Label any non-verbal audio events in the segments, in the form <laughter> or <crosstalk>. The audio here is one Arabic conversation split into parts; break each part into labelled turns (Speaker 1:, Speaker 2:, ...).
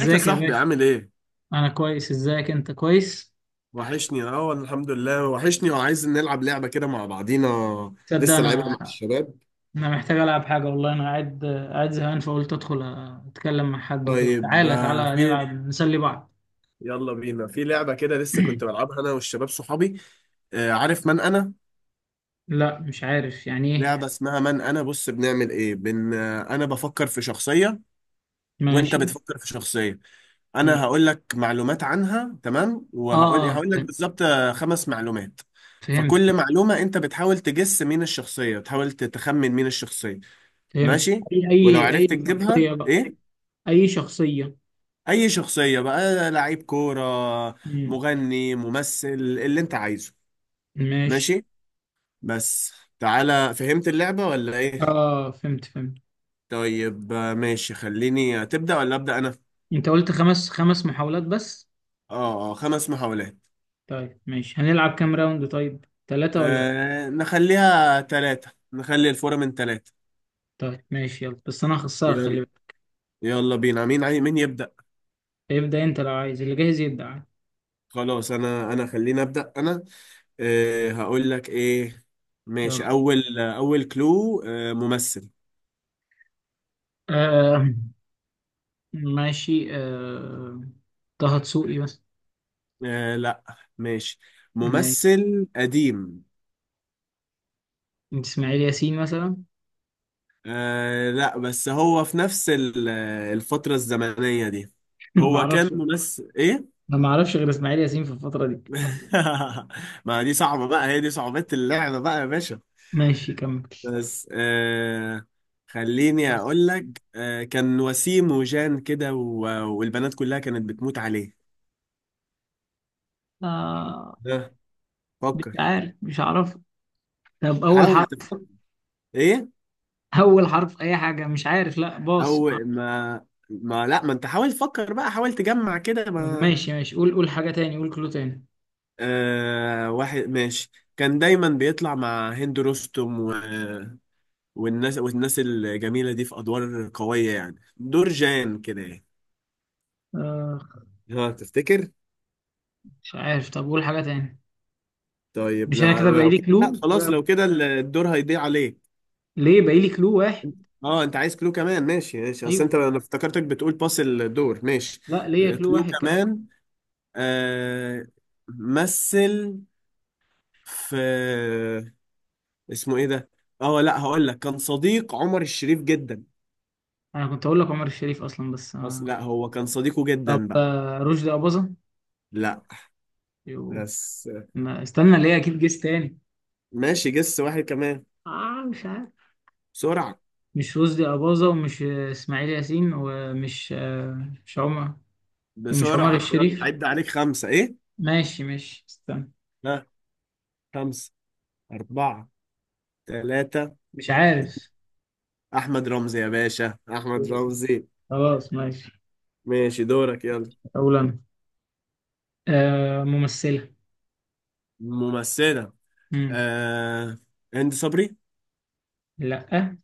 Speaker 1: ازيك يا
Speaker 2: يا
Speaker 1: صاحبي،
Speaker 2: باشا.
Speaker 1: عامل ايه؟
Speaker 2: انا كويس، ازيك؟ انت كويس؟
Speaker 1: وحشني، اه والله، الحمد لله وحشني، وعايز نلعب لعبة كده مع بعضينا.
Speaker 2: تصدق
Speaker 1: لسه لعبها
Speaker 2: انا.
Speaker 1: مع الشباب.
Speaker 2: انا محتاج العب حاجه والله. انا قاعد قاعد زهقان فقلت ادخل اتكلم مع حد وكده.
Speaker 1: طيب
Speaker 2: تعالى
Speaker 1: آه،
Speaker 2: تعالى
Speaker 1: في
Speaker 2: نلعب نسلي بعض.
Speaker 1: يلا بينا في لعبة كده لسه كنت
Speaker 2: <clears throat>
Speaker 1: بلعبها انا والشباب صحابي. عارف من انا؟
Speaker 2: لا، مش عارف يعني ايه.
Speaker 1: لعبة اسمها من انا. بص بنعمل ايه؟ بن آه، انا بفكر في شخصية، وانت
Speaker 2: ماشي
Speaker 1: بتفكر في شخصية.
Speaker 2: ماشي.
Speaker 1: انا هقول لك معلومات عنها، تمام؟
Speaker 2: اه
Speaker 1: وهقول
Speaker 2: اه
Speaker 1: هقول لك
Speaker 2: فهمت
Speaker 1: بالظبط خمس معلومات.
Speaker 2: فهمت
Speaker 1: فكل معلومة انت بتحاول تجس مين الشخصية، تحاول تخمن مين الشخصية.
Speaker 2: فهمت.
Speaker 1: ماشي؟
Speaker 2: اي
Speaker 1: ولو
Speaker 2: اي
Speaker 1: عرفت
Speaker 2: اي
Speaker 1: تجيبها
Speaker 2: شخصيه بقى.
Speaker 1: ايه،
Speaker 2: اي شخصيه.
Speaker 1: اي شخصية بقى، لعيب كورة،
Speaker 2: مم.
Speaker 1: مغني، ممثل، اللي انت عايزه.
Speaker 2: ماشي.
Speaker 1: ماشي؟ بس تعالى، فهمت اللعبة ولا ايه؟
Speaker 2: اه فهمت فهمت.
Speaker 1: طيب ماشي، خليني تبدأ ولا أبدأ انا؟
Speaker 2: انت قلت خمس محاولات بس.
Speaker 1: اه اه، خمس محاولات.
Speaker 2: طيب ماشي، هنلعب كام راوند؟ طيب ثلاثة ولا؟
Speaker 1: آه نخليها ثلاثة، نخلي الفورة من ثلاثة.
Speaker 2: طيب ماشي يلا، بس انا هخسرك خلي
Speaker 1: يلا،
Speaker 2: بالك.
Speaker 1: يلا بينا، مين يبدأ؟
Speaker 2: ابدأ انت لو عايز، اللي جاهز يبدأ عادي.
Speaker 1: خلاص انا، خليني أبدأ انا. آه هقول لك ايه، ماشي.
Speaker 2: يلا.
Speaker 1: اول كلو، ممثل.
Speaker 2: آه. ماشي. طه دسوقي مثلا.
Speaker 1: آه لا، ماشي،
Speaker 2: تمام.
Speaker 1: ممثل قديم.
Speaker 2: اسماعيل ياسين مثلا.
Speaker 1: آه لا، بس هو في نفس الفترة الزمنية دي.
Speaker 2: <laughs> انا ما
Speaker 1: هو كان
Speaker 2: اعرفش.
Speaker 1: ممثل ايه؟
Speaker 2: انا ما اعرفش غير اسماعيل ياسين في الفترة دي.
Speaker 1: <laughs> ما دي صعبة بقى، هي دي صعوبة اللعبة بقى يا باشا.
Speaker 2: ماشي كمل.
Speaker 1: بس خليني
Speaker 2: بس.
Speaker 1: اقول لك، كان وسيم، وجان كده، والبنات كلها كانت بتموت عليه.
Speaker 2: آه
Speaker 1: ده،
Speaker 2: مش
Speaker 1: فكر،
Speaker 2: عارف مش عارف. طب اول
Speaker 1: حاول
Speaker 2: حرف؟
Speaker 1: تفكر. ايه؟
Speaker 2: اول حرف اي حاجة، مش عارف، لا باص.
Speaker 1: او ما ما لا ما انت حاول تفكر بقى، حاول تجمع كده.
Speaker 2: طب
Speaker 1: ما
Speaker 2: ماشي ماشي، قول قول حاجة تاني، قول كلو تاني.
Speaker 1: آه، واحد، ماشي. كان دايما بيطلع مع هند رستم، والناس، الجميلة دي، في أدوار قوية يعني، دور جان كده يعني.
Speaker 2: آه
Speaker 1: ها، تفتكر؟
Speaker 2: مش عارف، طب قول حاجة تاني.
Speaker 1: طيب
Speaker 2: مش انا
Speaker 1: لا،
Speaker 2: كده باقي
Speaker 1: لو
Speaker 2: لي
Speaker 1: كده لا،
Speaker 2: كلو
Speaker 1: خلاص
Speaker 2: كده؟
Speaker 1: لو كده الدور هيضيع عليك.
Speaker 2: ليه باقي لي كلو واحد؟
Speaker 1: اه، انت عايز كلو كمان، ماشي ماشي،
Speaker 2: ايوه.
Speaker 1: اصل انا افتكرتك بتقول باس الدور. ماشي،
Speaker 2: لا، ليا كلو
Speaker 1: كلو
Speaker 2: واحد كمان.
Speaker 1: كمان. آه، مثل، في اسمه ايه ده؟ اه لا، هقول لك كان صديق عمر الشريف جدا.
Speaker 2: انا كنت اقول لك عمر الشريف اصلا، بس
Speaker 1: أصل
Speaker 2: آه.
Speaker 1: لا، هو كان صديقه
Speaker 2: طب
Speaker 1: جدا بقى.
Speaker 2: رشدي اباظة.
Speaker 1: لا،
Speaker 2: يو.
Speaker 1: بس.
Speaker 2: ما استنى ليه، اكيد جيس تاني.
Speaker 1: ماشي، جس واحد كمان،
Speaker 2: اه مش عارف.
Speaker 1: بسرعة
Speaker 2: مش رشدي اباظة، ومش اسماعيل ياسين، ومش آه، مش عمر، ومش عمر
Speaker 1: بسرعة، يلا،
Speaker 2: الشريف.
Speaker 1: عد عليك خمسة إيه؟
Speaker 2: ماشي ماشي استنى.
Speaker 1: ها، خمسة، أربعة، ثلاثة،
Speaker 2: مش
Speaker 1: اتنين.
Speaker 2: عارف.
Speaker 1: أحمد رمزي يا باشا، أحمد رمزي.
Speaker 2: خلاص ماشي.
Speaker 1: ماشي دورك، يلا.
Speaker 2: اقول انا. ممثلة.
Speaker 1: ممثلة،
Speaker 2: مم.
Speaker 1: آه... هند صبري.
Speaker 2: لا.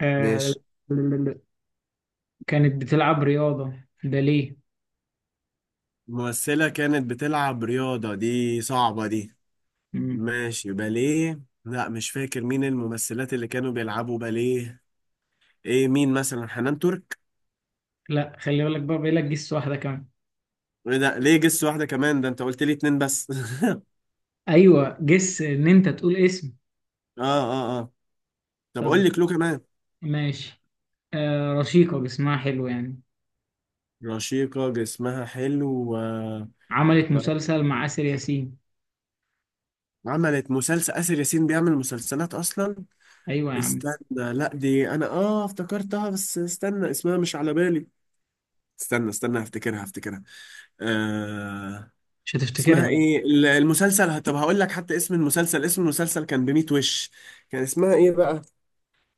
Speaker 2: آه.
Speaker 1: ماشي،
Speaker 2: كانت بتلعب رياضة. ده ليه؟
Speaker 1: ممثلة كانت بتلعب رياضة، دي صعبة دي.
Speaker 2: مم.
Speaker 1: ماشي، باليه، لا مش فاكر مين الممثلات اللي كانوا بيلعبوا باليه. ايه، مين مثلا، حنان ترك؟
Speaker 2: لا خلي بالك بقى لك جس واحدة كمان.
Speaker 1: ايه ده، ليه جس واحدة كمان؟ ده انت قلت لي اتنين بس. <laughs> اه
Speaker 2: ايوه، جس ان انت تقول اسم.
Speaker 1: اه اه، طب
Speaker 2: طب
Speaker 1: قول لي كلو كمان.
Speaker 2: ماشي. رشيقة، جسمها حلو يعني.
Speaker 1: رشيقة، جسمها حلو، و...
Speaker 2: عملت
Speaker 1: ما-
Speaker 2: مسلسل مع آسر ياسين.
Speaker 1: عملت مسلسل آسر ياسين، بيعمل مسلسلات أصلا.
Speaker 2: ايوه يا عم.
Speaker 1: استنى، لا دي أنا افتكرتها، بس استنى اسمها مش على بالي. استنى، هفتكرها. آه،
Speaker 2: مش
Speaker 1: اسمها
Speaker 2: هتفتكرها لا.
Speaker 1: إيه المسلسل؟ طب هقول لك حتى اسم المسلسل، اسم المسلسل كان بميت وش. كان اسمها إيه بقى؟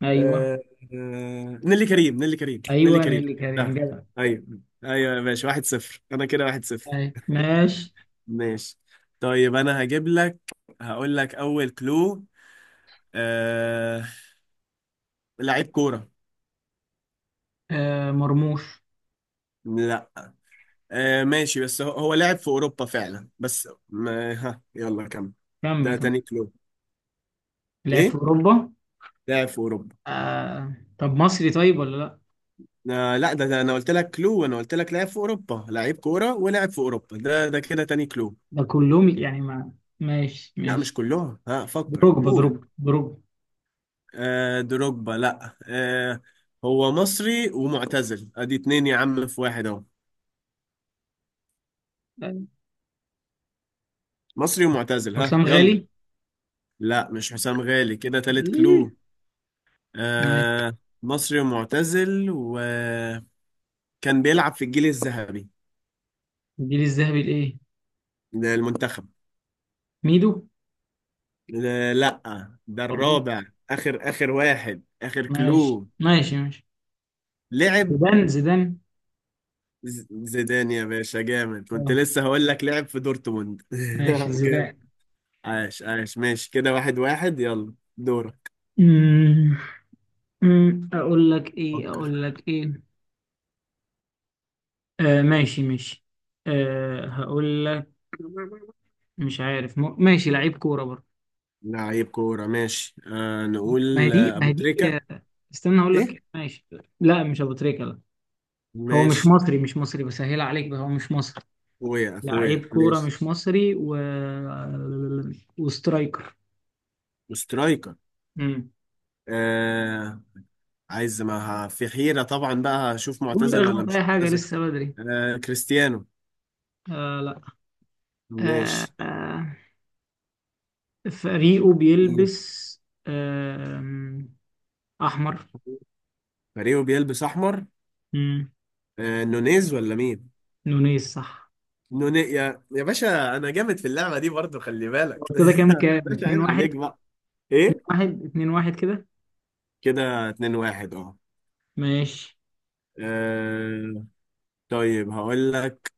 Speaker 2: ايوه
Speaker 1: آه، نيلي كريم، نيلي كريم، نيلي
Speaker 2: ايوه
Speaker 1: كريم.
Speaker 2: نيللي كريم
Speaker 1: ده،
Speaker 2: جدع.
Speaker 1: ايوه ايوه، ماشي، واحد صفر انا كده، واحد صفر.
Speaker 2: أيوة. ماشي.
Speaker 1: ماشي، طيب انا هجيب لك، هقول لك اول كلو. آه... لعيب كورة.
Speaker 2: مرموش.
Speaker 1: لا ماشي، بس هو لعب في اوروبا فعلا، بس ما... ها يلا كمل.
Speaker 2: كمل
Speaker 1: ده
Speaker 2: كمل.
Speaker 1: تاني كلو،
Speaker 2: لعب في
Speaker 1: ايه،
Speaker 2: اوروبا.
Speaker 1: لاعب في اوروبا.
Speaker 2: طب مصري طيب ولا لا؟
Speaker 1: آه لا، ده انا قلت لك كلو، وانا قلت لك لاعب في اوروبا، لعيب كورة ولاعب في اوروبا، ده كده تاني كلو.
Speaker 2: ده كلهم يعني ما. ماشي
Speaker 1: لا
Speaker 2: ماشي.
Speaker 1: مش كلهم، ها فكر،
Speaker 2: دروجبا
Speaker 1: قول.
Speaker 2: دروجبا دروجبا.
Speaker 1: آه دروجبا، لا آه، هو مصري ومعتزل، ادي اتنين يا عم، في واحد اهو،
Speaker 2: أيوة.
Speaker 1: مصري ومعتزل، ها
Speaker 2: حسام غالي.
Speaker 1: يلا. لا مش حسام غالي، كده تالت
Speaker 2: إيه؟
Speaker 1: كلو.
Speaker 2: ماشي.
Speaker 1: آه، مصري ومعتزل، وكان بيلعب في الجيل الذهبي
Speaker 2: الجيل الذهبي لايه؟
Speaker 1: للمنتخب.
Speaker 2: ميدو.
Speaker 1: آه لا، ده
Speaker 2: برضو.
Speaker 1: الرابع، اخر واحد، اخر
Speaker 2: ماشي
Speaker 1: كلو.
Speaker 2: ماشي ماشي.
Speaker 1: لعب،
Speaker 2: زيدان زيدان.
Speaker 1: زيدان يا باشا، جامد، كنت
Speaker 2: اه.
Speaker 1: لسه هقول لك لعب في دورتموند. <laughs>
Speaker 2: ماشي
Speaker 1: جامد،
Speaker 2: زيدان.
Speaker 1: عاش عاش، ماشي كده، واحد واحد، يلا دورك.
Speaker 2: أمم، أمم، اقول لك ايه،
Speaker 1: فكر.
Speaker 2: اقول لك ايه. ماشي ماشي. هقول لك. مش عارف ماشي لعيب كورة برضه.
Speaker 1: لعيب كورة، ماشي
Speaker 2: ما هي
Speaker 1: نقول
Speaker 2: دي، ما
Speaker 1: أبو
Speaker 2: هي دي.
Speaker 1: تريكة.
Speaker 2: آه، استنى اقول
Speaker 1: إيه؟
Speaker 2: لك ماشي. لا، مش ابو تريكة، لا. هو مش
Speaker 1: ماشي،
Speaker 2: مصري، مش مصري بسهل عليك بقى، هو مش مصري.
Speaker 1: أخويا أخويا،
Speaker 2: لعيب كورة
Speaker 1: ماشي،
Speaker 2: مش مصري و وسترايكر.
Speaker 1: وسترايكر.
Speaker 2: امم.
Speaker 1: آه عايز ما في حيرة طبعا بقى، هشوف
Speaker 2: قول
Speaker 1: معتزل ولا
Speaker 2: اخبط
Speaker 1: مش
Speaker 2: اي حاجة
Speaker 1: معتزل.
Speaker 2: لسه بدري.
Speaker 1: آه كريستيانو،
Speaker 2: آه، لا. آه
Speaker 1: ماشي.
Speaker 2: آه. فريقه
Speaker 1: مين؟
Speaker 2: بيلبس. آم، أحمر.
Speaker 1: فريقه بيلبس أحمر.
Speaker 2: مم.
Speaker 1: آه نونيز ولا مين؟
Speaker 2: نونيز صح.
Speaker 1: نوني، يا باشا، أنا جامد في اللعبة دي برضو، خلي بالك.
Speaker 2: هو كده كام؟
Speaker 1: <laughs> باشا،
Speaker 2: اتنين
Speaker 1: عيب
Speaker 2: واحد.
Speaker 1: عليك بقى.
Speaker 2: اتنين
Speaker 1: إيه،
Speaker 2: واحد، اتنين واحد كده.
Speaker 1: كده 2-1، أه.
Speaker 2: ماشي.
Speaker 1: آه، طيب هقول لك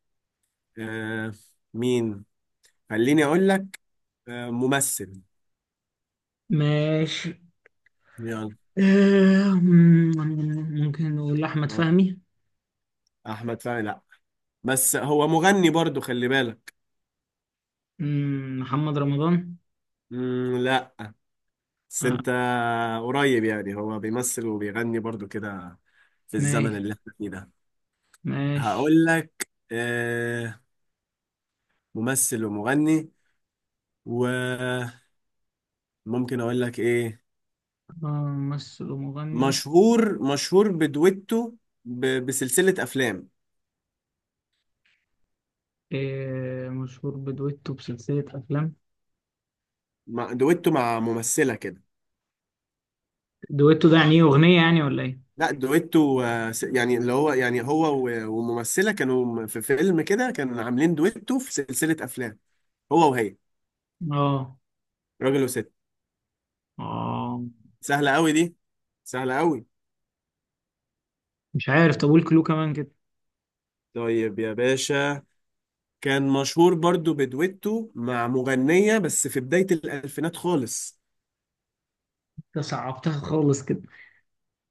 Speaker 1: آه مين، خليني اقول لك. ممثل،
Speaker 2: ماشي
Speaker 1: يلا.
Speaker 2: آم، ممكن نقول أحمد
Speaker 1: غلط.
Speaker 2: فهمي.
Speaker 1: احمد فهمي لا، بس هو مغني برضو، خلي بالك.
Speaker 2: محمد رمضان.
Speaker 1: مم لا، بس
Speaker 2: آه،
Speaker 1: انت قريب يعني، هو بيمثل وبيغني برضو كده، في الزمن
Speaker 2: ماشي
Speaker 1: اللي احنا فيه ده.
Speaker 2: ماشي.
Speaker 1: هقول لك، ممثل ومغني، وممكن اقول لك ايه،
Speaker 2: ممثل ومغني.
Speaker 1: مشهور، بدويتو بسلسلة افلام.
Speaker 2: مشهور بدويتو بسلسلة أفلام.
Speaker 1: دويتو مع ممثلة كده.
Speaker 2: دويتو ده يعني إيه، أغنية يعني ولا إيه؟
Speaker 1: لا دويتو يعني اللي هو، يعني هو وممثلة في فيلم كده كانوا عاملين دويتو في سلسلة أفلام، هو وهي،
Speaker 2: آه
Speaker 1: راجل وست.
Speaker 2: آه.
Speaker 1: سهلة قوي دي، سهلة قوي.
Speaker 2: مش عارف، طب قول كلو كمان كده.
Speaker 1: طيب يا باشا، كان مشهور برضو بدويتو مع مغنية، بس في بداية الألفينات خالص.
Speaker 2: ده صعبتها خالص كده.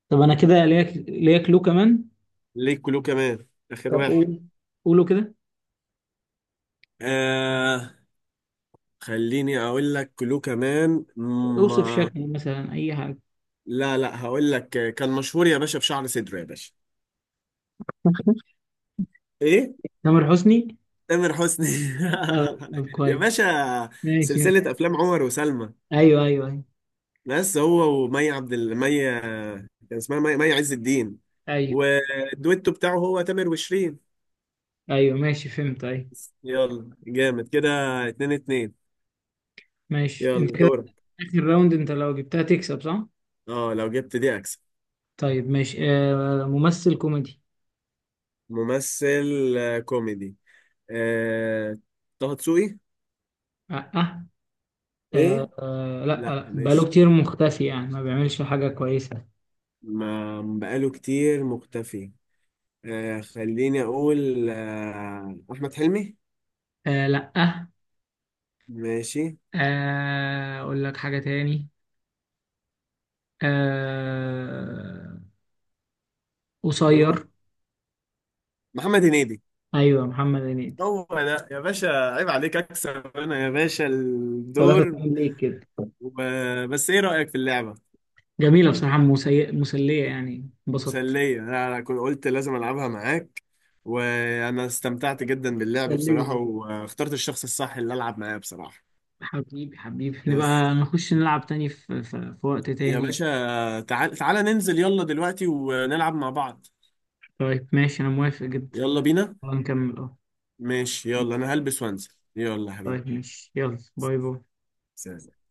Speaker 2: طب انا كده ليك لو كمان.
Speaker 1: ليه، كلو كمان، آخر
Speaker 2: طب
Speaker 1: واحد.
Speaker 2: قول. قوله كده.
Speaker 1: آه خليني أقول لك كلو كمان
Speaker 2: اوصف
Speaker 1: ما.
Speaker 2: شكله مثلا، اي حاجه.
Speaker 1: لا لا، هقول لك كان مشهور يا باشا بشعر صدره يا باشا.
Speaker 2: <laughs>
Speaker 1: ايه؟
Speaker 2: تامر حسني.
Speaker 1: تامر حسني.
Speaker 2: طب
Speaker 1: <laughs> يا
Speaker 2: كويس.
Speaker 1: باشا،
Speaker 2: ماشي.
Speaker 1: سلسلة أفلام عمر وسلمى،
Speaker 2: ايوه ايوه ايوه.
Speaker 1: بس هو ومي عبد مي، كان اسمها مي، عز الدين.
Speaker 2: ايوه
Speaker 1: والدويتو بتاعه هو تامر وشيرين.
Speaker 2: ايوه ماشي فهمت ايوه.
Speaker 1: يلا جامد كده، اتنين اتنين،
Speaker 2: ماشي انت
Speaker 1: يلا
Speaker 2: كده.
Speaker 1: دورك.
Speaker 2: اخر راوند، انت لو جبتها تكسب صح؟
Speaker 1: اه لو جبت دي أكسب.
Speaker 2: طيب ماشي. ممثل كوميدي.
Speaker 1: ممثل كوميدي. آه، طه دسوقي.
Speaker 2: آه, آه,
Speaker 1: ايه؟
Speaker 2: آه، لا
Speaker 1: لا
Speaker 2: لا، بقاله
Speaker 1: ماشي،
Speaker 2: كتير مختفي يعني ما بيعملش حاجه كويسه.
Speaker 1: ما بقاله كتير مختفي. خليني أقول أحمد حلمي.
Speaker 2: آه، لا، آه
Speaker 1: ماشي.
Speaker 2: آه، اقول لك حاجه تاني. آه...
Speaker 1: ايوه
Speaker 2: قصير.
Speaker 1: محمد هنيدي.
Speaker 2: ايوه محمد هنيدي.
Speaker 1: هو ده يا باشا، عيب عليك، اكسب انا يا باشا
Speaker 2: ثلاثة
Speaker 1: الدور.
Speaker 2: اتنين ليك كده.
Speaker 1: وب... بس ايه رأيك في اللعبة؟
Speaker 2: جميلة بصراحة، مسلية يعني، انبسطت.
Speaker 1: مسلية، انا كنت قلت لازم العبها معاك، وانا استمتعت جدا باللعب بصراحة،
Speaker 2: سلمي.
Speaker 1: واخترت الشخص الصح اللي العب معاه بصراحة.
Speaker 2: حبيبي حبيبي
Speaker 1: بس
Speaker 2: نبقى نخش نلعب تاني، في وقت
Speaker 1: يا
Speaker 2: تاني.
Speaker 1: باشا، تعال تعال ننزل يلا دلوقتي ونلعب مع بعض.
Speaker 2: طيب ماشي، أنا موافق جدا.
Speaker 1: يلا بينا.
Speaker 2: يلا نكمل اه.
Speaker 1: ماشي يلا، انا هلبس وانزل، يلا يا حبيبي.
Speaker 2: طيب ماشي، يلا باي باي.
Speaker 1: سلام.